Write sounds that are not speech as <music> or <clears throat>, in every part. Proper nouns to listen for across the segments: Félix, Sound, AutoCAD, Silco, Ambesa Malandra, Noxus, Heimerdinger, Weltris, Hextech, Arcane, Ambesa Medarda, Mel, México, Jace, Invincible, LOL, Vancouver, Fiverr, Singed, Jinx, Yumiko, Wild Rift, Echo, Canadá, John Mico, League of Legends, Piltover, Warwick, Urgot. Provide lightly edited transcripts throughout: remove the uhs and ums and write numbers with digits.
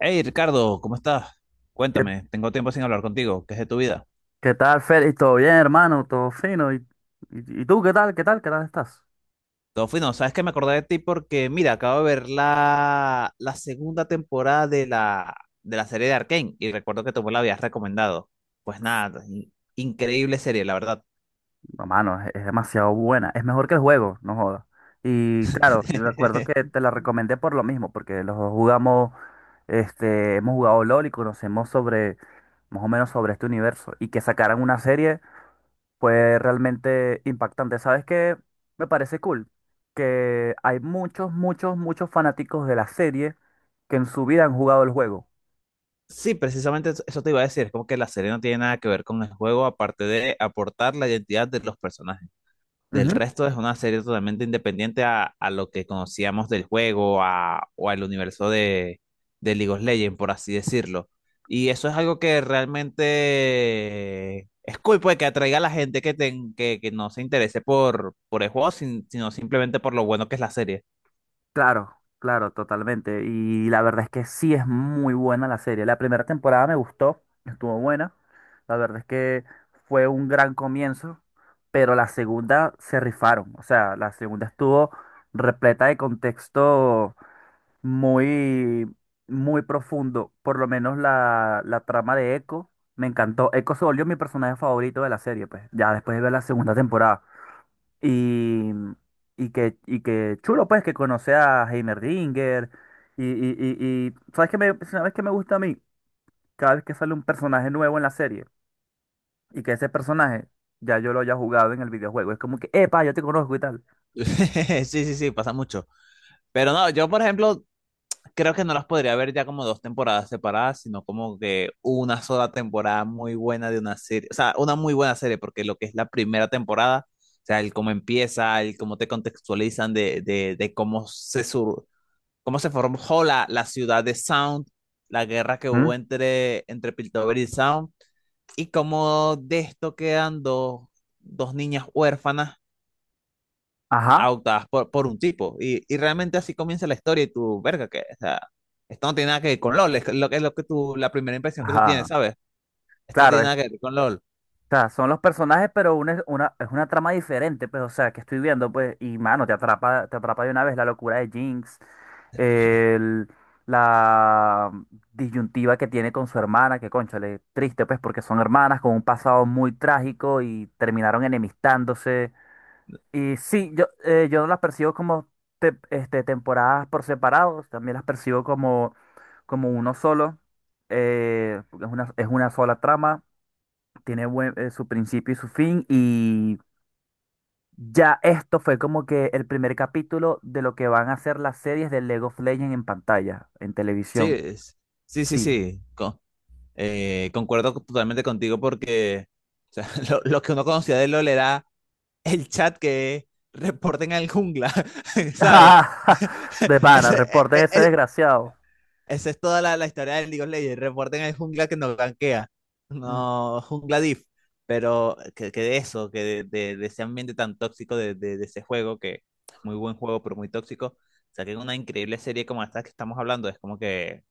Hey Ricardo, ¿cómo estás? ¿Qué, Cuéntame, tengo tiempo sin hablar contigo, ¿qué es de tu vida? qué tal, Félix? ¿Todo bien, hermano? ¿Todo fino? ¿Y tú qué tal? ¿Qué tal estás? Todo fino. ¿Sabes que me acordé de ti? Porque, mira, acabo de ver la segunda temporada de de la serie de Arcane y recuerdo que tú me la habías recomendado. Pues nada, increíble serie, la verdad. Hermano, es demasiado buena. Es mejor que el juego, no jodas. Y claro, yo recuerdo que <laughs> te la recomendé por lo mismo, porque los dos jugamos, hemos jugado LOL y conocemos sobre, más o menos sobre este universo. Y que sacaran una serie fue realmente impactante. ¿Sabes qué? Me parece cool que hay muchos, muchos, muchos fanáticos de la serie que en su vida han jugado el juego. Sí, precisamente eso te iba a decir, es como que la serie no tiene nada que ver con el juego aparte de aportar la identidad de los personajes. Del resto es una serie totalmente independiente a lo que conocíamos del juego a, o al universo de League of Legends, por así decirlo. Y eso es algo que realmente es cool, pues que atraiga a la gente que, que no se interese por el juego, sino simplemente por lo bueno que es la serie. <laughs> Claro, claro, totalmente. Y la verdad es que sí es muy buena la serie. La primera temporada me gustó, estuvo buena. La verdad es que fue un gran comienzo, pero la segunda se rifaron. O sea, la segunda estuvo repleta de contexto muy, muy profundo. Por lo menos la trama de Echo me encantó. Echo se volvió mi personaje favorito de la serie, pues, ya después de ver la segunda temporada. Y, y que chulo, pues, que conoce a Heimerdinger. Y ¿sabes qué me gusta a mí? Cada vez que sale un personaje nuevo en la serie y que ese personaje ya yo lo haya jugado en el videojuego. Es como que, epa, yo te conozco y tal. Sí, sí, sí, pasa mucho. Pero no, yo por ejemplo, creo que no las podría ver ya como dos temporadas separadas, sino como que una sola temporada muy buena de una serie, o sea, una muy buena serie, porque lo que es la primera temporada, o sea, el cómo empieza, el cómo te contextualizan de cómo se sur, cómo se formó la ciudad de Sound, la guerra que ¿Mm? hubo entre Piltover y Sound, y cómo de esto quedan dos niñas huérfanas Ajá, adoptadas por un tipo. Y realmente así comienza la historia y tú, verga, que, o sea, esto no tiene nada que ver con LOL, es lo que tú, la primera impresión que tú tienes, ajá. ¿sabes? Esto no tiene Claro, nada que ver con LOL. sea, son los personajes, pero es una trama diferente, pues, o sea, que estoy viendo, pues, y mano, te atrapa de una vez la locura de Jinx, el- la disyuntiva que tiene con su hermana, que cónchale, triste, pues, porque son hermanas con un pasado muy trágico y terminaron enemistándose. Y sí, yo no las percibo como temporadas por separados, también las percibo como, uno solo, porque es una sola trama tiene su principio y su fin y ya esto fue como que el primer capítulo de lo que van a ser las series de Lego of Legends en pantalla, en Sí, televisión. es- sí, sí, Sí. sí, concuerdo totalmente contigo porque o sea, <laughs> lo que uno conocía de LOL era el chat que reporten al jungla, <laughs> ¿sabes? <laughs> De pana, Ese, e- reporten e- ese e, desgraciado. Esa es toda la historia del League of Legends. Reporten al jungla que nos ganquea. Mm, No, jungla diff. Pero que de eso, que de ese ambiente tan tóxico de ese juego, que es muy buen juego, pero muy tóxico, saquen una increíble serie como esta que estamos hablando. Es como que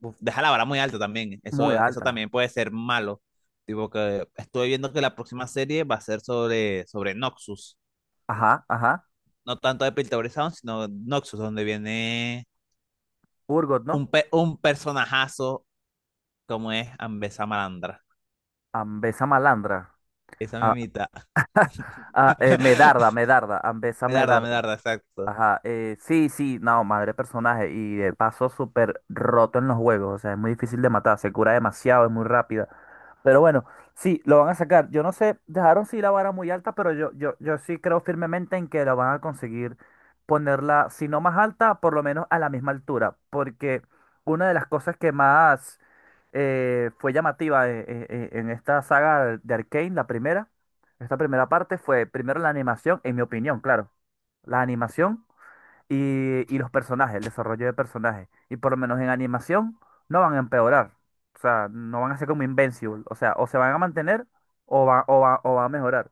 uf, deja la vara muy alta también. muy Eso alta. también puede ser malo. Tipo que estoy viendo que la próxima serie va a ser sobre Noxus. Ajá, ajá. No tanto de Piltover Sound, sino Noxus, donde viene Urgot, ¿no? Un personajazo como es Ambesa Malandra. Ambesa malandra. Esa Ah, mimita. ah, Medarda, Medarda. <laughs> Ambesa Melarda, Medarda. Melarda, exacto. Ajá. Sí, sí, no, madre personaje. Y de paso súper roto en los juegos. O sea, es muy difícil de matar. Se cura demasiado, es muy rápida. Pero bueno, sí, lo van a sacar. Yo no sé, dejaron sí la vara muy alta, pero yo sí creo firmemente en que la van a conseguir ponerla, si no más alta, por lo menos a la misma altura. Porque una de las cosas que más fue llamativa en esta saga de Arcane, la primera, esta primera parte, fue primero la animación, en mi opinión, claro. La animación y los personajes, el desarrollo de personajes. Y por lo menos en animación no van a empeorar. O sea, no van a ser como Invincible. O sea, o se van a mantener o va a mejorar.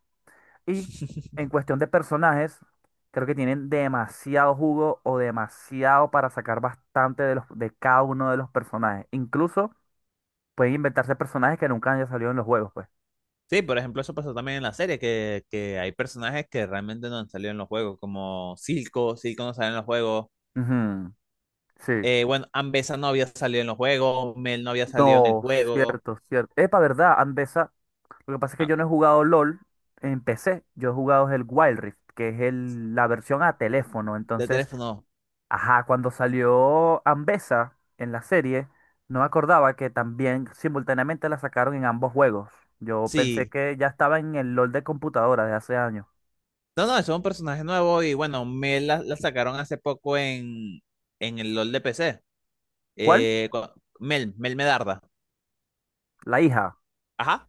Y en cuestión de personajes, creo que tienen demasiado jugo o demasiado para sacar bastante de cada uno de los personajes. Incluso pueden inventarse personajes que nunca hayan salido en los juegos, pues. Sí, por ejemplo, eso pasó también en la serie, que hay personajes que realmente no han salido en los juegos, como Silco, Silco no sale en los juegos. Ujú, sí. Bueno, Ambesa no había salido en los juegos, Mel no había salido en el No, juego. cierto, cierto. Epa, ¿verdad? Andesa. Lo que pasa es que Ah, yo no he jugado LOL en PC, yo he jugado el Wild Rift, que es la versión a teléfono. de Entonces, teléfono, ajá, cuando salió Ambessa en la serie, no me acordaba que también simultáneamente la sacaron en ambos juegos. Yo pensé sí. que ya estaba en el LOL de computadora de hace años. No, no, eso es un personaje nuevo y bueno, Mel la sacaron hace poco en el LOL de PC. ¿Cuál? Eh, cu- Mel, Mel Melarda. La hija. Ajá.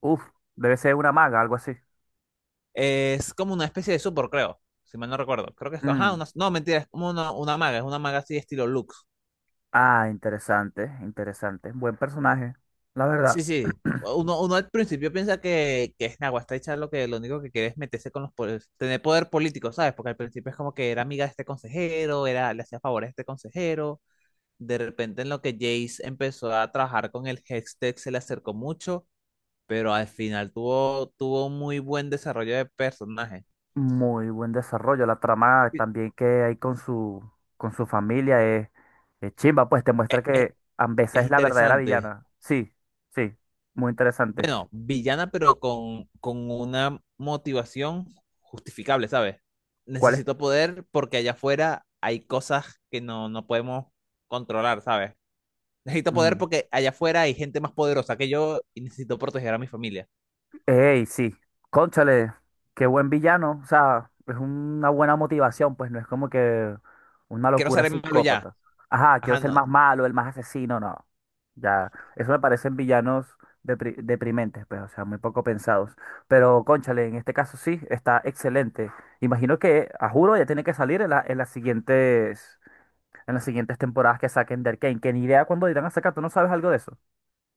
Uf, debe ser una maga, algo así. Es como una especie de super, creo. Si mal no recuerdo. Creo que es. Ajá, Mm, una- no, mentira, es como una maga. Es una maga así estilo Lux. ah, interesante, interesante. Buen personaje, la verdad. Sí, sí. Uno, uno al principio piensa que es Nagua, está hecha lo que lo único que quiere es meterse con los poderes, tener poder político, ¿sabes? Porque al principio es como que era amiga de este consejero, era, le hacía favores a este consejero. De repente en lo que Jace empezó a trabajar con el Hextech se le acercó mucho, pero al final tuvo un muy buen desarrollo de personaje. Muy buen desarrollo. La trama Y- también que hay con su familia es chimba, pues te Es, muestra que Ambesa es es la verdadera interesante. villana. Sí, sí, muy interesante. Bueno, villana, pero con una motivación justificable, ¿sabes? ¿Cuál es? Necesito poder porque allá afuera hay cosas que no, no podemos controlar, ¿sabes? Necesito poder porque allá afuera hay gente más poderosa que yo y necesito proteger a mi familia. Ey, sí. Cónchale, qué buen villano. O sea, es una buena motivación, pues no es como que una Quiero locura ser el malo ya. psicópata. Ajá, quiero Ajá, ser no. más malo, el más asesino, no. Ya, eso me parecen villanos deprimentes, pues, o sea, muy poco pensados. Pero, cónchale, en este caso sí, está excelente. Imagino que, a juro, ya tiene que salir en en las siguientes temporadas que saquen de Arcane, que ni idea cuándo irán a sacar, ¿tú no sabes algo de eso?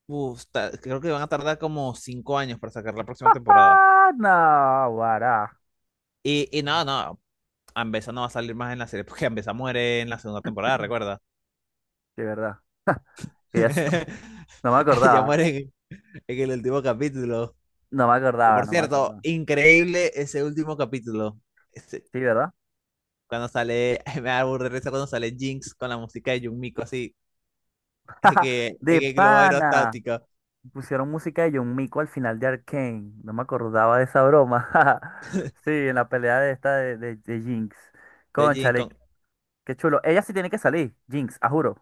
Uf, ta- creo que van a tardar como 5 años para sacar la próxima temporada. Ah, no, guará, Y no, no. Ambesa no va a salir más en la serie porque Ambesa muere en la segunda temporada, <clears throat> recuerda. de verdad. <laughs> que ya se- <laughs> <laughs> No me Ella acordaba, muere en el último capítulo. no me Y acordaba, por no me cierto, acordaba. increíble ese último capítulo. Ese- Sí, ¿verdad? cuando sale, <laughs> me da burda de risa cuando sale Jinx con la música de Yumiko así. Es De que el globo pana. aerostático Pusieron música de John Mico al final de Arcane. No me acordaba de esa broma. <laughs> Sí, en la pelea de esta de Jinx. de Jinx Cónchale, con- qué chulo. Ella sí tiene que salir, Jinx, a juro.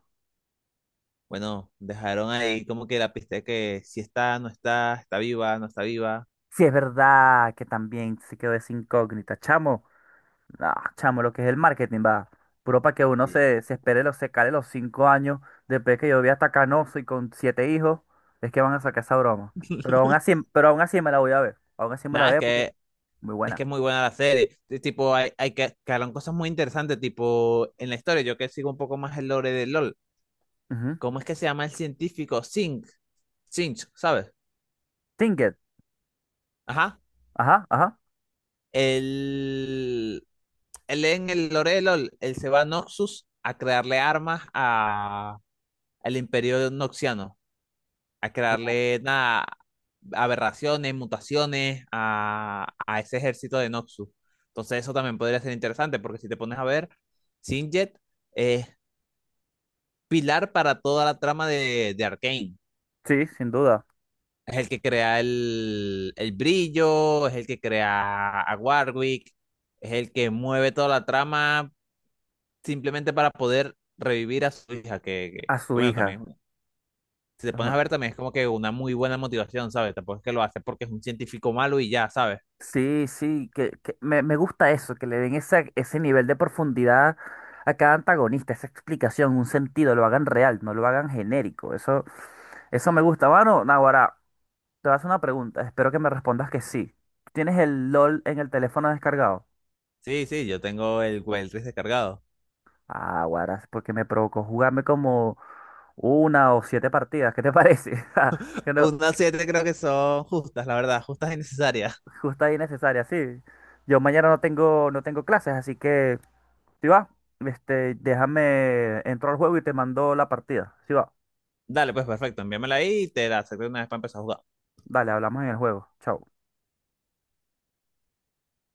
Bueno, dejaron ahí como que la pista de que si está, no está, está viva, no está viva. Sí, es verdad que también se quedó esa incógnita, chamo. Ah, chamo, lo que es el marketing, va. Puro para que uno Sí. Se espere, los, se cale los 5 años después que yo vi hasta canoso y con siete hijos, es que van a sacar esa broma. <laughs> Pero aún así me la voy a ver. Aún así me la Nada, es veo porque es que muy buena. es muy buena la serie. Tipo, hay que quedaron cosas muy interesantes, tipo, en la historia, yo que sigo un poco más el lore de LOL. Ujú. ¿Cómo es que se llama el científico? Zinc. Zinch, ¿sabes? Tinket. Ajá. Ajá, ajá. Él, él en el lore de LOL, él se va a Noxus a crearle armas al Imperio Noxiano, a crearle nada, aberraciones, mutaciones a ese ejército de Noxus. Entonces eso también podría ser interesante, porque si te pones a ver, Singed es pilar para toda la trama de Arcane. Sí, sin duda. Es el que crea el brillo, es el que crea a Warwick, es el que mueve toda la trama simplemente para poder revivir a su hija, A su bueno, hija. también, si te Es pones a un- ver, también es como que una muy buena motivación, ¿sabes? Tampoco es que lo hace porque es un científico malo y ya, ¿sabes? Sí, sí, que me gusta eso, que le den ese nivel de profundidad a cada antagonista, esa explicación, un sentido, lo hagan real, no lo hagan genérico. Eso me gusta, bueno Naguará. Te voy a hacer una pregunta, espero que me respondas que sí. ¿Tienes el LOL en el teléfono descargado? Sí, sí, yo tengo el Weltris descargado. Ah, guaras, porque me provocó jugarme como una o siete partidas, ¿qué te parece? <laughs> Ja, que no, Unas siete creo que son justas, la verdad, justas y necesarias. justa y necesaria, sí. Yo mañana no tengo clases, así que, si va, déjame, entro al juego y te mando la partida. Si va, Dale, pues perfecto, envíamela ahí y te la acepto una vez para empezar a jugar. dale, hablamos en el juego. Chao.